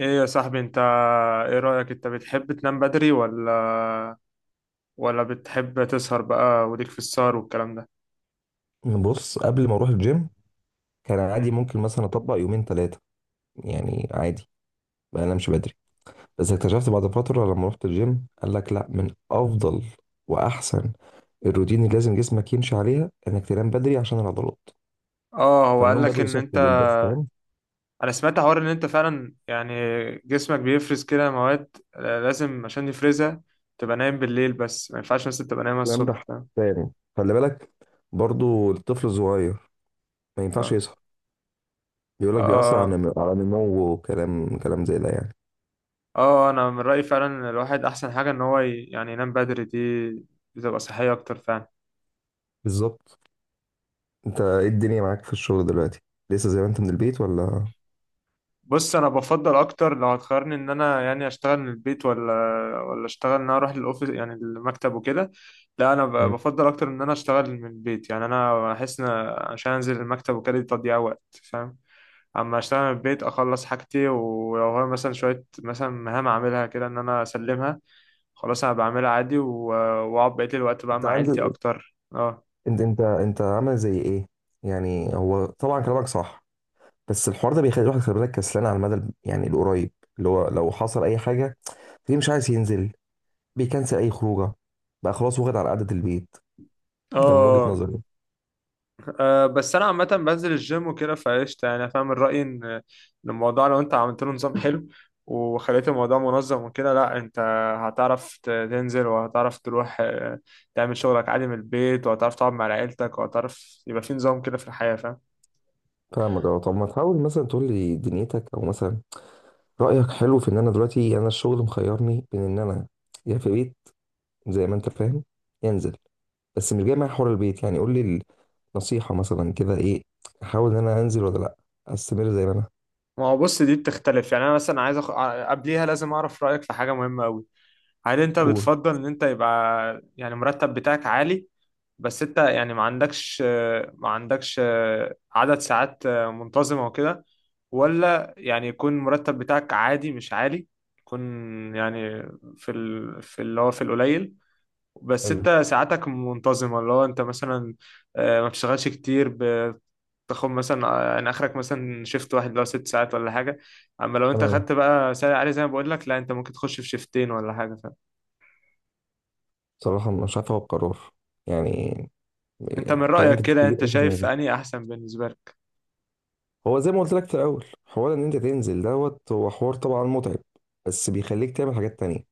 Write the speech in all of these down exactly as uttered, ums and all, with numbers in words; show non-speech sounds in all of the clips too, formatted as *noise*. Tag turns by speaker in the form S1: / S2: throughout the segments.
S1: ايه يا صاحبي انت. ايه رأيك، انت بتحب تنام بدري ولا ولا بتحب تسهر بقى، وليك في السهر والكلام ده؟
S2: بص، قبل ما اروح الجيم كان عادي
S1: امم
S2: ممكن مثلا اطبق يومين ثلاثه، يعني عادي، ما انامش بدري. بس اكتشفت بعد فتره لما رحت الجيم، قال لك لا، من افضل واحسن الروتين اللي لازم جسمك يمشي عليها انك تنام بدري عشان العضلات.
S1: اه، هو قال
S2: فالنوم
S1: لك
S2: بدري
S1: ان
S2: صحي
S1: انت...
S2: جدا، فاهم
S1: انا سمعت حوار ان انت فعلا، يعني جسمك بيفرز كده مواد لازم، عشان يفرزها، تبقى نايم بالليل، بس ما ينفعش بس تبقى نايم
S2: الكلام
S1: الصبح،
S2: ده؟
S1: فاهم؟
S2: تاني، خلي بالك، برضو الطفل الصغير ما ينفعش
S1: اه
S2: يسهر. بيقول لك بيأثر على
S1: اه
S2: نم- على نموه وكلام كلام زي ده يعني.
S1: اه اه، انا من رأيي فعلا إن الواحد احسن حاجة ان هو ي- يعني ينام بدري، دي بتبقى صحية اكتر فعلا.
S2: بالظبط. انت ايه الدنيا معاك في الشغل دلوقتي؟ لسه زي ما انت من البيت ولا؟
S1: بص، انا بفضل اكتر لو هتخيرني ان انا يعني اشتغل من البيت ولا ولا اشتغل ان انا اروح الاوفيس، يعني المكتب وكده. لا، انا ب-
S2: مم.
S1: بفضل اكتر ان انا اشتغل من البيت، يعني انا احس ان عشان انزل المكتب وكده دي تضييع وقت، فاهم؟ اما اشتغل من البيت اخلص حاجتي، ولو هو مثلا شويه مثلا مهام اعملها كده ان انا اسلمها، خلاص انا بعملها عادي و- واقعد بقيت الوقت بقى
S2: انت
S1: مع
S2: عندي.
S1: عيلتي اكتر. اه
S2: انت انت انت عامل زي ايه؟ يعني هو طبعا كلامك صح، بس الحوار ده بيخلي الواحد، خلي بالك، كسلان على المدى ال- يعني القريب. اللي هو لو حصل اي حاجه، ليه مش عايز ينزل؟ بيكنسل اي خروجه، بقى خلاص واخد على قعده البيت. ده من وجهه
S1: اه.
S2: نظري.
S1: أه، بس انا عامه بنزل الجيم وكده فقشطه، يعني أنا فاهم الراي ان إن الموضوع لو انت عملت له نظام حلو وخليت الموضوع منظم وكده، لا انت هتعرف ت- تنزل وهتعرف تروح، آه، تعمل شغلك عادي من البيت، وهتعرف تقعد مع عيلتك، وهتعرف يبقى في نظام كده في الحياه، فاهم؟
S2: فاهمك اه. طب ما تحاول مثلا تقول لي دنيتك، او مثلا رايك حلو في ان انا دلوقتي، يعني انا الشغل مخيرني بين ان انا يا في بيت زي ما انت فاهم، ينزل. بس مش جاي معايا حوار البيت، يعني قول لي النصيحه مثلا كده ايه؟ احاول ان انا انزل ولا لا؟ استمر زي ما انا.
S1: ما هو بص، دي بتختلف. يعني انا مثلا عايز أخ... ع- قبليها لازم اعرف رايك في حاجه مهمه قوي. هل انت
S2: قول.
S1: بتفضل ان انت يبقى يعني المرتب بتاعك عالي، بس انت يعني ما عندكش ما عندكش عدد ساعات منتظمة وكده، ولا يعني يكون المرتب بتاعك عادي مش عالي، يكون يعني في ال... في اللي هو في القليل، بس انت
S2: حلو.
S1: ساعاتك منتظمة، اللي هو انت مثلا آه، ما بتشتغلش كتير، ب- تاخد مثلا، آه، يعني اخرك مثلا شيفت واحد لو ست ساعات ولا حاجة، اما لو انت
S2: انا
S1: خدت بقى ساعة عالية زي ما بقول لك، لا انت ممكن تخش في شيفتين ولا حاجة.
S2: بصراحه مش عارف اخد قرار يعني.
S1: فانت من
S2: كلام
S1: رأيك كده
S2: كبير
S1: انت
S2: قوي في
S1: شايف
S2: دماغي.
S1: انهي احسن بالنسبة لك؟
S2: هو زي ما قلت لك في الاول، حوار ان انت تنزل دوت هو حوار طبعا متعب، بس بيخليك تعمل حاجات تانية،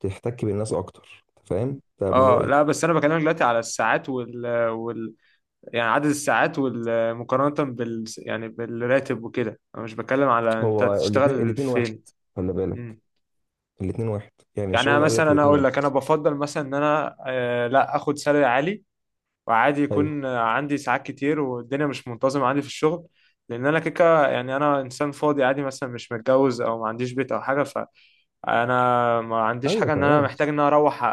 S2: تحتك بالناس اكتر، أنت فاهم. ده من
S1: اه،
S2: رايي.
S1: لا بس انا بكلمك دلوقتي على الساعات وال, وال... يعني عدد الساعات وال... مقارنة بال، يعني بالراتب وكده، انا مش بتكلم على انت
S2: هو الاثنين
S1: تشتغل
S2: الاثنين واحد،
S1: فين.
S2: خلي بالك.
S1: مم.
S2: الاثنين واحد، يعني
S1: يعني انا
S2: الشغل قال لك
S1: مثلا، انا
S2: الاثنين
S1: اقول
S2: واحد.
S1: لك انا بفضل مثلا ان انا آه لا اخد سالري عالي، وعادي
S2: حلو.
S1: يكون عندي ساعات كتير والدنيا مش منتظمة عندي في الشغل، لان انا كيكه، يعني انا انسان فاضي عادي، مثلا مش متجوز او ما عنديش بيت او حاجه، فانا ما عنديش
S2: ايوه
S1: حاجه ان انا
S2: تمام.
S1: محتاج ان انا اروح أ-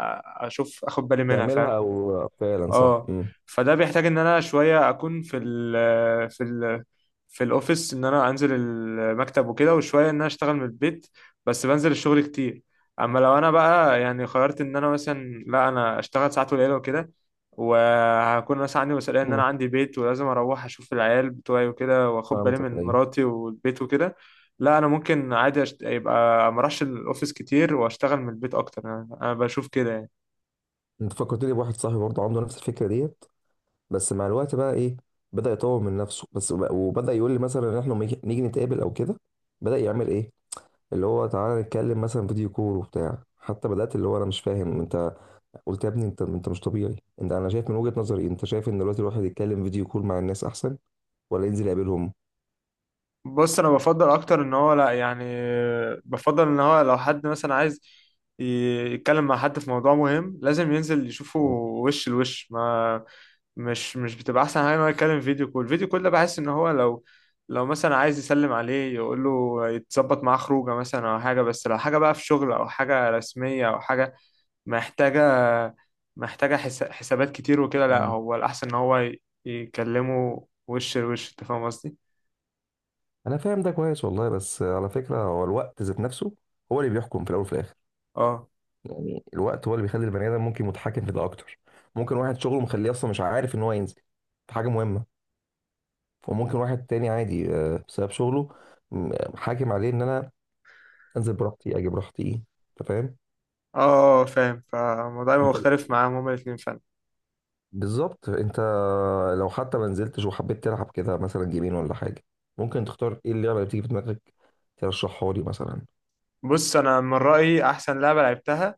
S1: اشوف اخد بالي منها، فاهم؟
S2: تعملها او فعلا صح.
S1: اه.
S2: امم.
S1: فده بيحتاج ان انا شويه اكون في ال في ال في الاوفيس، ان انا انزل المكتب وكده، وشويه ان انا اشتغل من البيت، بس بنزل الشغل كتير. اما لو انا بقى يعني قررت ان انا مثلا لا انا اشتغل ساعات قليله وكده، وهكون مثلا عندي مسؤوليه ان انا
S2: أمم.
S1: عندي بيت ولازم اروح اشوف العيال بتوعي وكده، واخد بالي
S2: فهمتك
S1: من
S2: ايوه.
S1: مراتي والبيت وكده، لا انا ممكن عادي أشت... يبقى ما اروحش الاوفيس كتير واشتغل من البيت اكتر، انا أنا بشوف كده يعني.
S2: انت فكرتني بواحد صاحبي برضه عنده نفس الفكره ديت. بس مع الوقت بقى ايه؟ بدأ يطور من نفسه بس، وب- وبدأ يقول لي مثلا ان احنا لما يجي- نيجي نتقابل او كده، بدأ يعمل ايه؟ اللي هو تعالى نتكلم مثلا فيديو كول وبتاع. حتى بدأت اللي هو انا مش فاهم انت. قلت يا ابني انت انت مش طبيعي. انت انا شايف من وجهة نظري، انت شايف ان دلوقتي الواحد يتكلم فيديو كول مع الناس احسن ولا ينزل يقابلهم؟
S1: بص، انا بفضل اكتر ان هو لا يعني بفضل ان هو لو حد مثلا عايز ي- يتكلم مع حد في موضوع مهم، لازم ينزل يشوفه
S2: آه.
S1: وش لوش، ما مش مش بتبقى احسن حاجه ان هو يتكلم فيديو كول. الفيديو كول ده بحس ان هو لو لو مثلا عايز يسلم عليه يقول له يتظبط معاه خروجه مثلا او حاجه، بس لو حاجه بقى في شغل او حاجه رسميه او حاجه محتاجه محتاجه حس- حسابات كتير وكده، لا
S2: مم.
S1: هو الاحسن ان هو ي- يكلمه وش لوش، انت فاهم قصدي؟
S2: انا فاهم ده كويس والله، بس على فكرة هو الوقت ذات نفسه هو اللي بيحكم في الاول وفي الاخر.
S1: اه
S2: يعني الوقت هو اللي بيخلي البني ادم ممكن متحكم في ده اكتر. ممكن واحد شغله مخليه اصلا مش عارف ان هو ينزل في حاجة مهمة، وممكن واحد تاني عادي، آه، بسبب شغله م- حاكم عليه ان انا انزل براحتي اجي براحتي، انت فاهم.
S1: اه، فاهم. فالموضوع يبقى
S2: انت،
S1: مختلف معاهم هما الاثنين فعلا.
S2: بالظبط انت، لو حتى ما نزلتش وحبيت تلعب كده مثلا جيمين ولا حاجه، ممكن تختار ايه اللعبه اللي بتيجي في دماغك ترشحها لي مثلا؟
S1: بص، انا من رايي احسن لعبه لعبتها،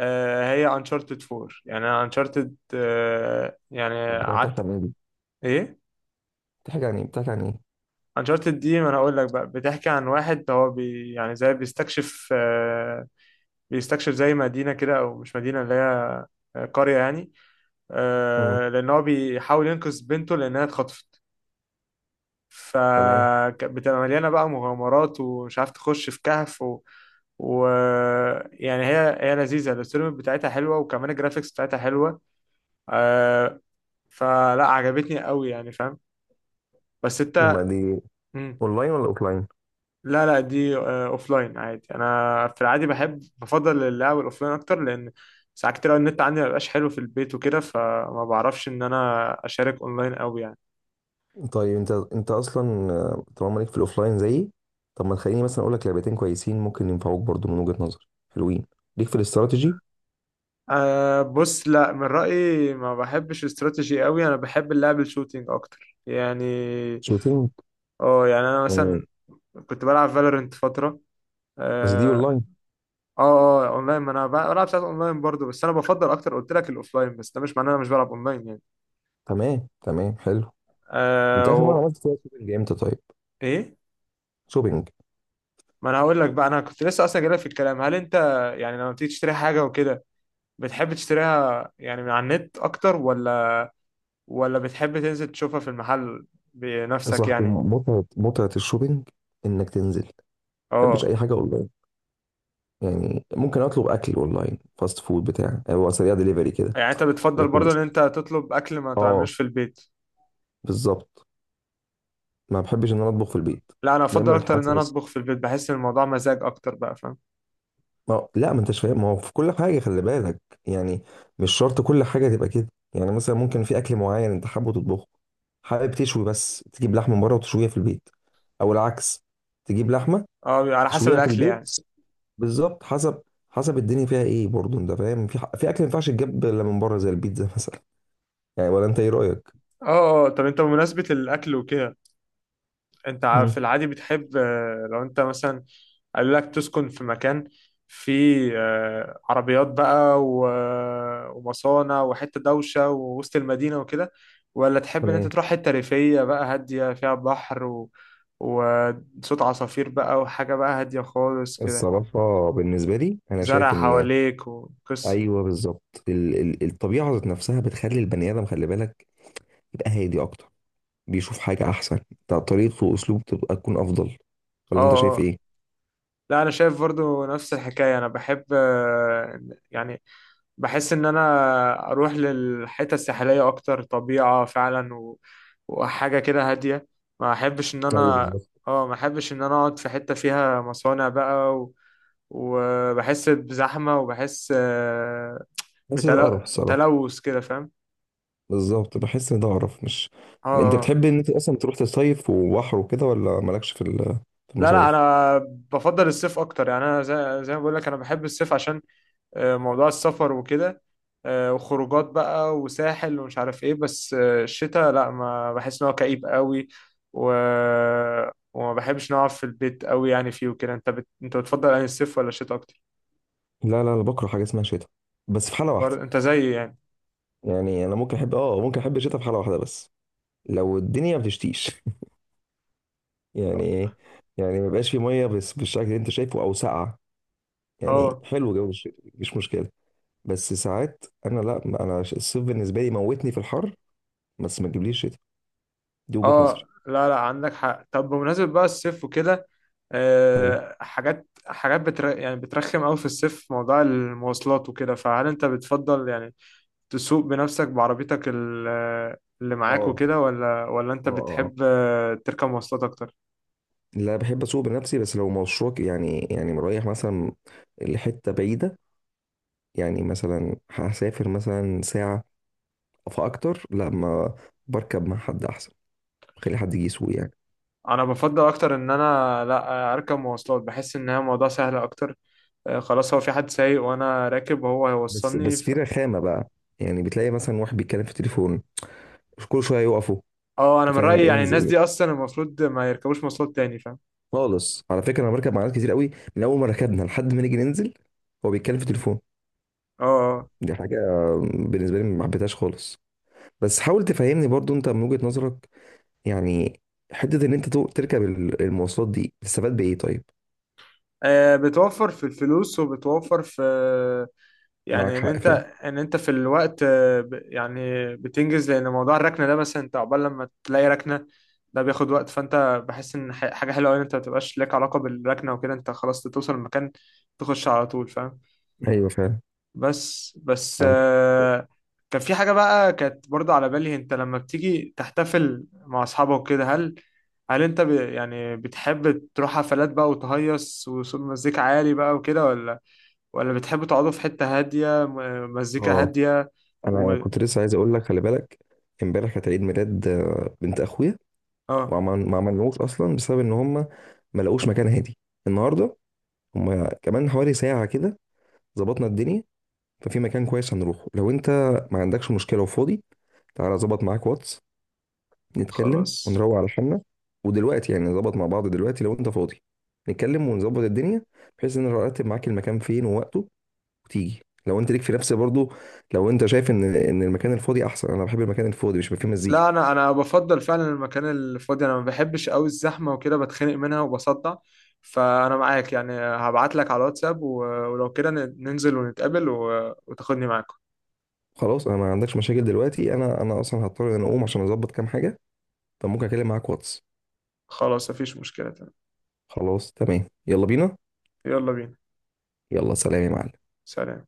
S1: آه، هي انشارتد فور، يعني انا انشارتد، يعني
S2: طب بتاعت- بتحكي
S1: قعدت.
S2: عن ايه دي؟
S1: ايه؟
S2: بتحكي عن ايه بتحكي عن ايه
S1: انشارتد دي، ما انا اقول لك بقى، بتحكي عن واحد هو بي يعني زي بيستكشف، آه، بيستكشف زي مدينه كده، او مش مدينه، اللي هي آه، قريه يعني،
S2: امم.
S1: آه، لان هو بيحاول ينقذ بنته لانها اتخطفت،
S2: تمام.
S1: فبتبقى مليانة بقى مغامرات، ومش عارف تخش في كهف و... و يعني هي هي لذيذة، الستوري بتاعتها حلوة، وكمان الجرافيكس بتاعتها حلوة، آه... فلا عجبتني قوي يعني، فاهم؟ بس
S2: وما
S1: انت...
S2: دي
S1: مم.
S2: اونلاين ولا اوفلاين؟
S1: لا لا، دي اوف لاين عادي، انا في العادي بحب بفضل اللعب الاوف لاين اكتر، لان ساعات كتير أوي النت عندي ما بيبقاش حلو في البيت وكده، فما بعرفش ان انا اشارك اونلاين قوي يعني.
S2: طيب انت انت اصلا آه، طالما ليك في الاوفلاين زيي، طب ما تخليني مثلا اقول لك لعبتين كويسين ممكن ينفعوك برضو، من وجهة نظر حلوين ليك في الاستراتيجي.
S1: أه، بص، لا من رأيي ما بحبش استراتيجي قوي، انا بحب اللعب الشوتينج اكتر يعني.
S2: شوتينج
S1: اه، يعني انا
S2: آه.
S1: مثلا كنت بلعب فالورنت فترة.
S2: بس دي
S1: اه.
S2: اونلاين.
S1: اه، آه، اونلاين، ما انا بلعب ساعات اونلاين برضو، بس انا بفضل اكتر قلت لك الاوفلاين، بس ده مش معناه انا مش بلعب اونلاين يعني.
S2: تمام تمام، حلو. انت
S1: أه
S2: اخر مره
S1: و...
S2: عملت فيها شوبينج امتى طيب؟
S1: ايه؟
S2: شوبينج.
S1: ما انا هقول لك بقى، انا كنت لسه اصلا جايلك في الكلام، هل انت يعني لما بتيجي تشتري حاجة وكده بتحب تشتريها يعني من على النت اكتر، ولا ولا بتحب تنزل تشوفها في المحل
S2: يا
S1: بنفسك
S2: صاحبي،
S1: يعني؟
S2: متعه متعه الشوبينج انك تنزل. ما بحبش
S1: اه،
S2: اي حاجه اونلاين، يعني ممكن اطلب اكل اونلاين فاست فود بتاع، يعني هو سريع دليفري كده.
S1: يعني انت بتفضل
S2: لكن
S1: برضه ان انت تطلب اكل ما
S2: اه،
S1: تعملوش في البيت.
S2: بالظبط، ما بحبش ان انا اطبخ في البيت.
S1: لا، انا افضل
S2: دايما
S1: اكتر
S2: الحاجات.
S1: ان انا اطبخ في البيت، بحس ان الموضوع مزاج اكتر بقى، فاهم؟
S2: ما هو- لا ما انتش فاهم، ما هو في كل حاجه خلي بالك، يعني مش شرط كل حاجه تبقى كده. يعني مثلا ممكن في اكل معين انت حابه تطبخه، حابب تشوي بس تجيب لحمه من بره وتشويها في البيت، او العكس، تجيب لحمه
S1: اه، بيبقى على حسب
S2: تشويها في
S1: الاكل
S2: البيت.
S1: يعني.
S2: بالظبط، حسب حسب الدنيا فيها ايه برضه انت فاهم. في ح- في اكل ما ينفعش تجيب الا من بره زي البيتزا *laughs* مثلا، يعني ولا انت ايه رايك؟
S1: اه اه اه. طب، انت بمناسبة الاكل وكده، انت ع- في
S2: امم.
S1: العادي بتحب، آه، لو انت مثلا قالوا لك تسكن في مكان فيه، آه، عربيات بقى و- ومصانع وحتة دوشة ووسط المدينة وكده، ولا تحب ان انت
S2: تمام.
S1: تروح حتة ريفية بقى هادية فيها بحر و... وصوت عصافير بقى، وحاجة بقى هادية خالص كده،
S2: الصراحة بالنسبة لي أنا
S1: زرع
S2: شايف إن
S1: حواليك وقصة؟
S2: أيوه بالظبط، ال- ال- الطبيعة ذات نفسها بتخلي البني آدم، خلي بالك، يبقى هادي أكتر، بيشوف حاجة أحسن. طب طريقته وأسلوبه تبقى تكون أفضل،
S1: اه
S2: ولا أنت شايف
S1: اه.
S2: إيه؟
S1: لا، انا شايف برضو نفس الحكاية. انا بحب، آه، يعني بحس ان انا اروح للحتة الساحلية اكتر طبيعة فعلا و... وحاجة كده هادية. ما احبش ان
S2: ايوه
S1: انا
S2: بالظبط،
S1: اه ما احبش ان انا اقعد في حتة فيها مصانع بقى، و... وبحس بزحمة وبحس آه،
S2: بحس ده قرف
S1: بتل-
S2: الصراحة.
S1: تلوث كده، فاهم؟
S2: بالظبط بحس إن ده قرف، مش؟
S1: اه
S2: أنت
S1: اه
S2: بتحب إن أنت أصلا تروح تصيف وبحر وكده ولا مالكش في ال- في
S1: لا لا
S2: المصايف؟
S1: انا بفضل الصيف اكتر يعني انا زي, زي ما بقول لك انا بحب الصيف عشان آه، موضوع السفر وكده آه، وخروجات بقى وساحل ومش عارف ايه بس آه، الشتاء لا ما بحس ان هو كئيب قوي و... وما بحبش نقعد في البيت قوي يعني فيه وكده انت بت... انت بتفضل يعني الصيف ولا الشتاء اكتر
S2: لا لا، أنا بكره حاجة اسمها شتاء. بس في حالة واحدة.
S1: برضه انت زيي يعني
S2: يعني أنا ممكن أحب آه، ممكن أحب الشتاء في حالة واحدة بس. لو الدنيا ما بتشتيش *laughs* يعني إيه؟ يعني ما يبقاش في مية بس بالشكل اللي أنت شايفه أو ساقعة، يعني
S1: اه
S2: حلو جو الشتاء مفيش مشكلة. بس ساعات انا، لا انا ش- الصيف بالنسبه لي موتني في الحر، بس ما تجيبليش شتاء. دي وجهه نظري.
S1: اه. لا لا، عندك حق. طب بمناسبة بقى الصيف وكده،
S2: حلو.
S1: آه حاجات حاجات بتر... يعني بترخم قوي في الصيف موضوع المواصلات وكده. فهل انت بتفضل يعني تسوق بنفسك بعربيتك ال- اللي
S2: اه
S1: معاك وكده، ولا ولا انت
S2: اه اه،
S1: بتحب تركب مواصلات اكتر؟
S2: لا بحب اسوق بنفسي. بس لو مشروع ك- يعني يعني رايح مثلا لحته بعيده، يعني مثلا هسافر مثلا ساعه فاكتر، لا ما بركب مع حد احسن، خلي حد يجي يسوق يعني.
S1: انا بفضل اكتر ان انا لا اركب مواصلات، بحس ان هي موضوع سهل اكتر، آه، خلاص، هو في حد سايق وانا راكب وهو
S2: بس
S1: هيوصلني
S2: بس في
S1: ف...
S2: رخامه بقى، يعني بتلاقي مثلا واحد بيتكلم في التليفون كل شويه يقفوا.
S1: اه. انا
S2: انت
S1: من
S2: فاهم؟
S1: رايي يعني الناس
S2: انزل
S1: دي اصلا المفروض ما يركبوش مواصلات تاني، فاهم؟
S2: خالص على فكره، انا بركب مع ناس كتير قوي، من اول ما ركبنا لحد ما نيجي ننزل هو بيتكلم في تليفون.
S1: اه آه.
S2: دي حاجه بالنسبه لي ما حبيتهاش خالص. بس حاول تفهمني برضو انت من وجهه نظرك، يعني حته ان انت تو- تركب ال- المواصلات دي تستفاد بايه طيب؟
S1: آه، بتوفر في الفلوس وبتوفر في
S2: معاك
S1: يعني ان
S2: حق
S1: انت
S2: فعلا.
S1: ان انت في الوقت، آه، ب- يعني بتنجز، لان موضوع الركنه ده مثلا انت عقبال لما تلاقي ركنه ده بياخد وقت، فانت بحس ان ح- حاجه حلوه قوي ان انت ما تبقاش لك علاقه بالركنه وكده، انت خلاص توصل المكان تخش على طول، فاهم؟
S2: ايوه فعلا،
S1: بس بس
S2: فهمتك
S1: آه، كان في حاجه بقى كانت برضه على بالي. انت لما بتيجي تحتفل مع اصحابك كده، هل هل انت ب يعني بتحب تروح حفلات بقى وتهيص وصوت مزيكا عالي بقى وكده، ولا ولا بتحبوا تقعدوا في حتة هادية م- مزيكا
S2: اه.
S1: هادية؟ و
S2: انا كنت لسه عايز اقول لك، خلي بالك، امبارح كانت عيد ميلاد آه، بنت اخويا.
S1: اه،
S2: وعمل ما عملناهوش اصلا بسبب ان هم ما لقوش مكان هادي. النهارده هم كمان حوالي ساعه كده ظبطنا الدنيا، ففي مكان كويس هنروحه لو انت ما عندكش مشكلة وفاضي. تعالى اظبط معاك واتس، نتكلم
S1: خلاص.
S2: ونروق على حالنا. ودلوقتي يعني نظبط مع بعض دلوقتي لو انت فاضي، نتكلم ونظبط الدنيا، بحيث ان أنا ارتب معاك المكان فين ووقته وتيجي لو انت ليك في نفس برضو. لو انت شايف ان ان المكان الفاضي احسن، انا بحب المكان الفاضي مش بيبقى فيه مزيكا.
S1: لا، انا انا بفضل فعلا المكان الفاضي، انا ما بحبش قوي الزحمة وكده، بتخنق منها وبصدع. فانا معاك، يعني هبعت لك على الواتساب و- ولو كده ن- ننزل ونتقابل و... وتاخدني معاكم.
S2: خلاص. انا ما عندكش مشاكل دلوقتي. انا انا اصلا هضطر ان أنا اقوم عشان اظبط كام حاجة، فممكن اكلم معاك واتس.
S1: خلاص، مفيش مشكلة، تمام.
S2: خلاص تمام. يلا بينا.
S1: يلا بينا.
S2: يلا سلام يا معلم.
S1: سلام.